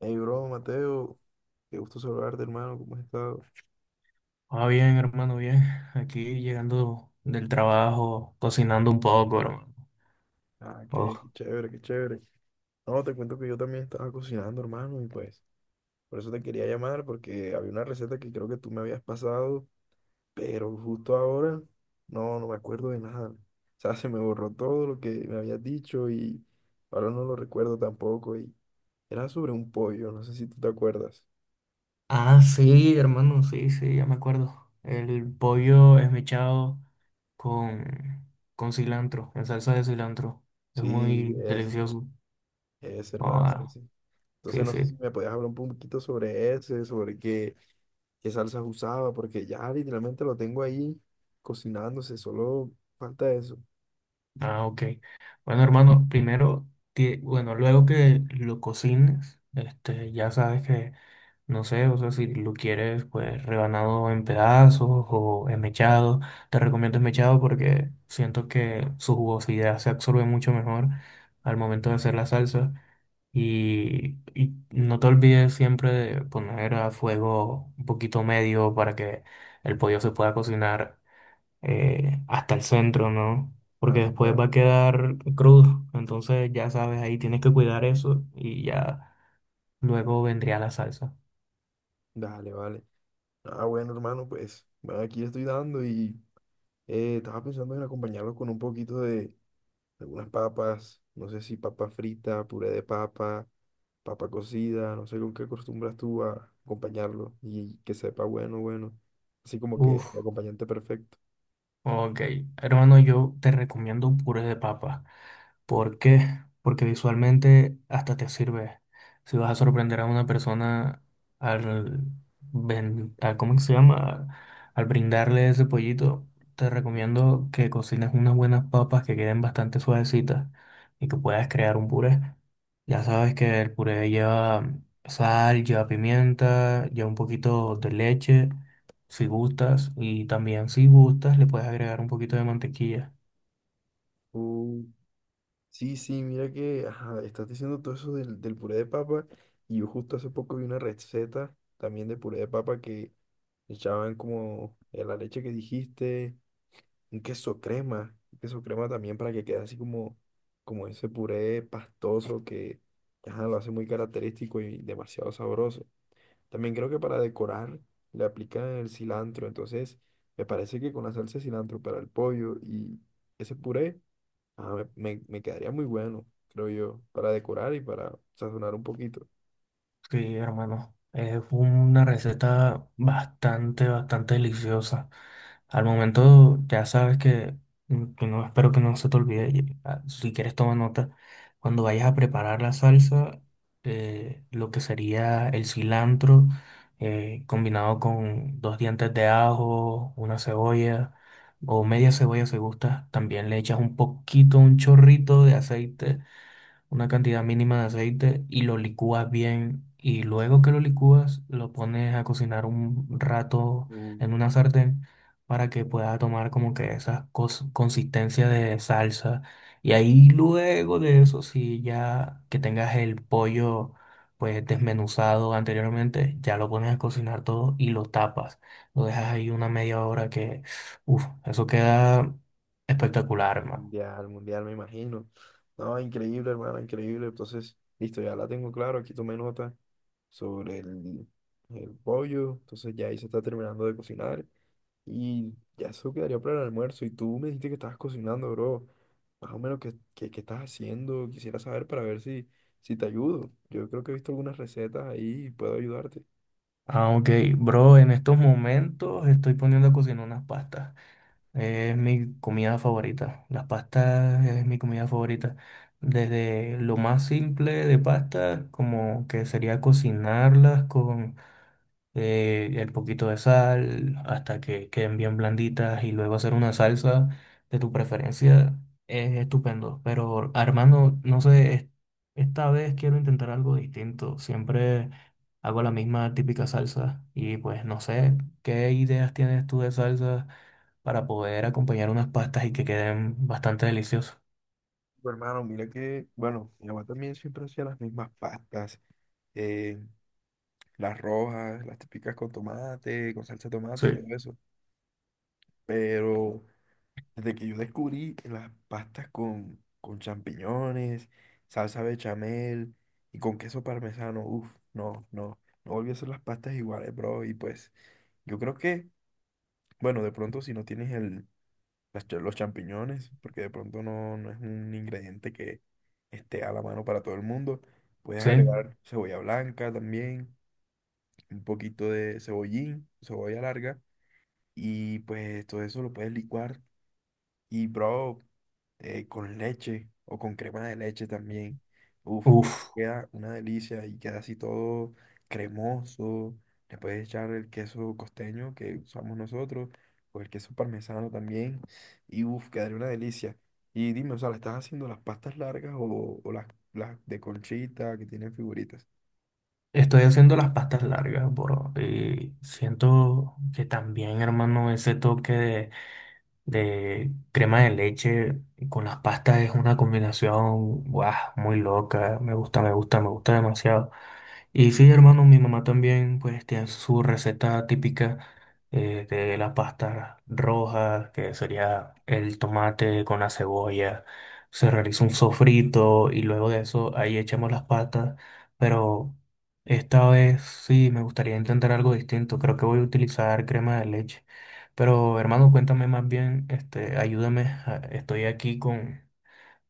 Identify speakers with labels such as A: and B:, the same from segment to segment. A: Hey, bro, Mateo, qué gusto saludarte, hermano, ¿cómo has estado?
B: Ah, bien, hermano, bien. Aquí llegando del trabajo, cocinando un poco, hermano.
A: Ah, qué
B: Oh.
A: chévere, qué chévere. No, te cuento que yo también estaba cocinando, hermano, y pues, por eso te quería llamar, porque había una receta que creo que tú me habías pasado, pero justo ahora, no me acuerdo de nada. O sea, se me borró todo lo que me habías dicho y ahora no lo recuerdo tampoco. Y era sobre un pollo, no sé si tú te acuerdas.
B: Ah, sí, hermano, sí, sí, ya me acuerdo. El pollo esmechado con, con cilantro, en salsa de cilantro. Es
A: Sí,
B: muy
A: ese,
B: delicioso.
A: ese,
B: Oh,
A: hermano,
B: ah,
A: ese. Entonces,
B: sí,
A: no sé
B: sí.
A: si me podías hablar un poquito sobre ese, sobre qué. Qué salsas usaba, porque ya literalmente lo tengo ahí cocinándose, solo falta eso.
B: Ah, ok. Bueno, hermano, primero, bueno, luego que lo cocines, ya sabes que no sé, o sea, si lo quieres, pues rebanado en pedazos o esmechado. Te recomiendo esmechado porque siento que su jugosidad se absorbe mucho mejor al momento de hacer la salsa. Y no te olvides siempre de poner a fuego un poquito medio para que el pollo se pueda cocinar hasta el centro, ¿no? Porque
A: Claro,
B: después
A: claro.
B: va a quedar crudo. Entonces, ya sabes, ahí tienes que cuidar eso y ya luego vendría la salsa.
A: Dale, vale. Ah, bueno, hermano, pues bueno, aquí estoy dando y estaba pensando en acompañarlo con un poquito de algunas papas, no sé si papa frita, puré de papa, papa cocida, no sé con qué acostumbras tú a acompañarlo y que sepa bueno, bueno. Así como que
B: Uf.
A: el acompañante perfecto.
B: Ok, hermano, yo te recomiendo un puré de papa. ¿Por qué? Porque visualmente hasta te sirve. Si vas a sorprender a una persona al, ¿cómo que se llama? Al brindarle ese pollito, te recomiendo que cocines unas buenas papas que queden bastante suavecitas y que puedas crear un puré. Ya sabes que el puré lleva sal, lleva pimienta, lleva un poquito de leche. Si gustas, y también si gustas, le puedes agregar un poquito de mantequilla.
A: Sí. Sí, sí, mira que ajá, estás diciendo todo eso del puré de papa y yo justo hace poco vi una receta también de puré de papa que echaban como la leche que dijiste, un queso crema también para que quede así como, como ese puré pastoso que ajá, lo hace muy característico y demasiado sabroso. También creo que para decorar le aplican el cilantro, entonces me parece que con la salsa de cilantro para el pollo y ese puré. Ah, me quedaría muy bueno, creo yo, para decorar y para sazonar un poquito.
B: Sí, hermano, es una receta bastante, bastante deliciosa. Al momento ya sabes que, que no espero que no se te olvide. Si quieres toma nota. Cuando vayas a preparar la salsa, lo que sería el cilantro combinado con dos dientes de ajo, una cebolla o media cebolla si gustas. También le echas un poquito, un chorrito de aceite, una cantidad mínima de aceite y lo licúas bien. Y luego que lo licúas, lo pones a cocinar un rato
A: Uh,
B: en una sartén para que pueda tomar como que esa consistencia de salsa. Y ahí luego de eso, si ya que tengas el pollo pues desmenuzado anteriormente, ya lo pones a cocinar todo y lo tapas. Lo dejas ahí una media hora que, uff, eso queda espectacular, hermano.
A: Mundial, mundial, me imagino. No, increíble, hermano, increíble. Entonces, listo, ya la tengo claro. Aquí tomé nota sobre el pollo. Entonces, ya ahí se está terminando de cocinar. Y ya eso quedaría para el almuerzo. Y tú me dijiste que estabas cocinando, bro. Más o menos, qué estás haciendo? Quisiera saber para ver si, si te ayudo. Yo creo que he visto algunas recetas ahí y puedo ayudarte.
B: Ah, ok. Bro, en estos momentos estoy poniendo a cocinar unas pastas. Es
A: Mm.
B: mi comida favorita. Las pastas es mi comida favorita. Desde lo más simple de pastas, como que sería cocinarlas, el poquito de sal hasta que queden bien blanditas y luego hacer una salsa de tu preferencia, es estupendo. Pero Armando, no sé, esta vez quiero intentar algo distinto. Siempre hago la misma típica salsa y pues no sé, ¿qué ideas tienes tú de salsa para poder acompañar unas pastas y que queden bastante deliciosas?
A: Bueno, hermano, mira que, bueno, mi mamá también siempre hacía las mismas pastas, eh, las rojas, las típicas con tomate, con salsa de tomate
B: Sí.
A: y todo eso. Pero desde que yo descubrí las pastas con champiñones, salsa bechamel y con queso parmesano, uff, no volví a hacer las pastas iguales, bro. Y pues, yo creo que, bueno, de pronto si no tienes los champiñones, porque de pronto no es un ingrediente que esté a la mano para todo el mundo. Puedes
B: ¿Sí?
A: agregar cebolla blanca también, un poquito de cebollín, cebolla larga, y pues todo eso lo puedes licuar y, bro, con leche o con crema de leche también. Uf,
B: Uf.
A: queda una delicia y queda así todo cremoso. Le puedes echar el queso costeño que usamos nosotros o el queso parmesano también. Y, uf, quedaría una delicia. Y dime, o sea, ¿le estás haciendo las pastas largas o las de conchita que tienen figuritas?
B: Estoy haciendo las pastas largas, bro. Y siento que también, hermano, ese toque de crema de leche con las pastas es una combinación, guau, muy loca. Me gusta, me gusta, me gusta demasiado. Y sí, hermano, mi mamá también pues tiene su receta típica, de la pasta roja, que sería el tomate con la cebolla. Se realiza un sofrito y luego de eso ahí echamos las patas. Pero esta vez sí me gustaría intentar algo distinto. Creo que voy a utilizar crema de leche. Pero hermano, cuéntame más bien, ayúdame. Estoy aquí con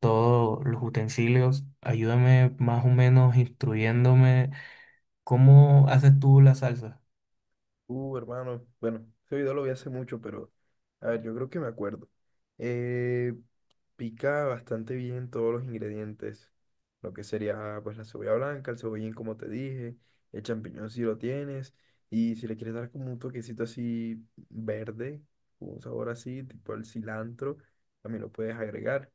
B: todos los utensilios. Ayúdame más o menos instruyéndome, ¿cómo haces tú la salsa?
A: Hermano, bueno, ese video lo vi hace mucho, pero a ver, yo creo que me acuerdo. Eh, Pica bastante bien todos los ingredientes, lo que sería pues la cebolla blanca, el cebollín como te dije, el champiñón si lo tienes, y si le quieres dar como un toquecito así verde, con un sabor así, tipo el cilantro, también lo puedes agregar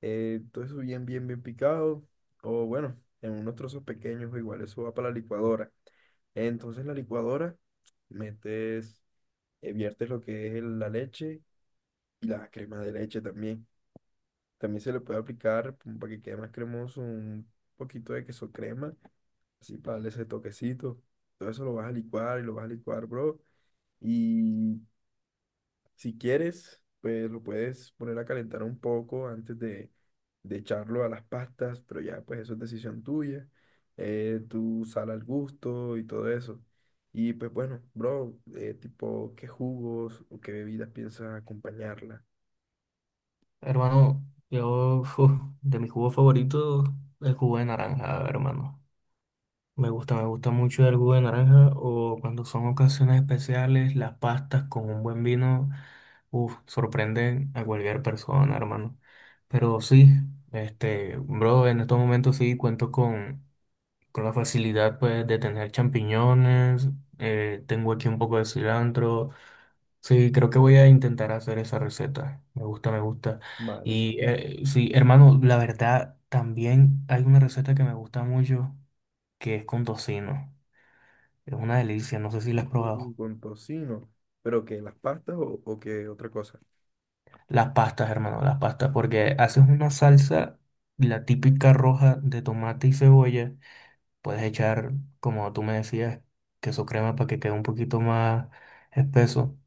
A: todo eso bien picado, o bueno, en unos trozos pequeños, o igual eso va para la licuadora. Entonces la licuadora, metes, viertes lo que es la leche y la crema de leche también. También se le puede aplicar, como para que quede más cremoso, un poquito de queso crema, así para darle ese toquecito. Todo eso lo vas a licuar y lo vas a licuar, bro. Y si quieres, pues lo puedes poner a calentar un poco antes de echarlo a las pastas, pero ya pues eso es decisión tuya, tu sal al gusto y todo eso. Y pues bueno, bro, tipo, ¿qué jugos o qué bebidas piensas acompañarla?
B: Hermano, yo, uf, de mi jugo favorito, el jugo de naranja, hermano. Me gusta mucho el jugo de naranja o cuando son ocasiones especiales, las pastas con un buen vino, uf, sorprenden a cualquier persona, hermano. Pero sí, bro, en estos momentos sí cuento con la facilidad, pues, de tener champiñones, tengo aquí un poco de cilantro. Sí, creo que voy a intentar hacer esa receta. Me gusta, me gusta.
A: Vale.
B: Y sí, hermano, la verdad, también hay una receta que me gusta mucho, que es con tocino. Es una delicia, no sé si la has probado.
A: Ujú. Con tocino, pero que las pastas o qué otra cosa.
B: Las pastas, hermano, las pastas, porque haces una salsa, la típica roja de tomate y cebolla. Puedes echar, como tú me decías, queso crema para que quede un poquito más espeso.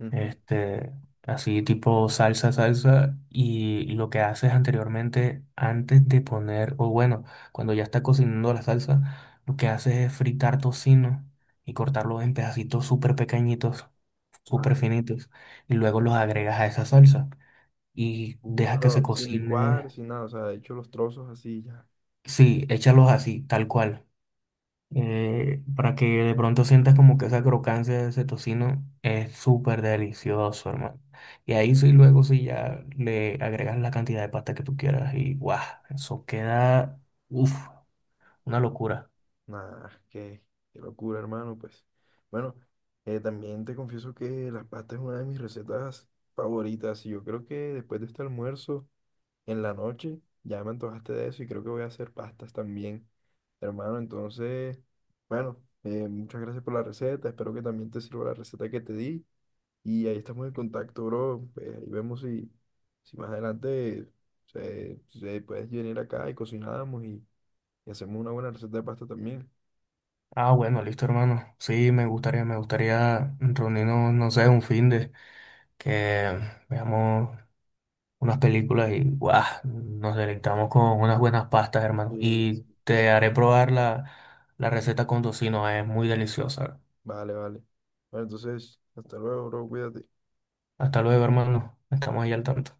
A: Ujú.
B: Este, así tipo salsa, salsa. Y lo que haces anteriormente, antes de poner, o bueno, cuando ya está cocinando la salsa, lo que haces es fritar tocino y cortarlo en pedacitos súper pequeñitos, súper
A: Vale.
B: finitos. Y luego los agregas a esa salsa y dejas que se
A: Pero sin licuar,
B: cocine.
A: sin nada, o sea, de hecho los trozos así ya.
B: Sí, échalos así, tal cual. Para que de pronto sientas como que esa crocancia de ese tocino es súper delicioso, hermano. Y ahí sí, luego sí ya le agregas la cantidad de pasta que tú quieras y guau, eso queda, uff, una locura.
A: Nah, qué, qué locura, hermano, pues. Bueno, también te confieso que las pastas es una de mis recetas favoritas y yo creo que después de este almuerzo, en la noche, ya me antojaste de eso y creo que voy a hacer pastas también, hermano. Entonces, bueno, muchas gracias por la receta, espero que también te sirva la receta que te di y ahí estamos en contacto, bro. Pues ahí vemos si, si más adelante se puedes venir acá y cocinamos y hacemos una buena receta de pasta también.
B: Ah, bueno, listo, hermano. Sí, me gustaría reunirnos, no sé, un fin de que veamos unas películas y guau, nos deleitamos con unas buenas pastas, hermano. Y
A: Sí,
B: te haré probar la, la receta con tocino, es muy deliciosa.
A: vale, vale. Bueno, entonces, hasta luego, bro, cuídate.
B: Hasta luego, hermano. Estamos ahí al tanto.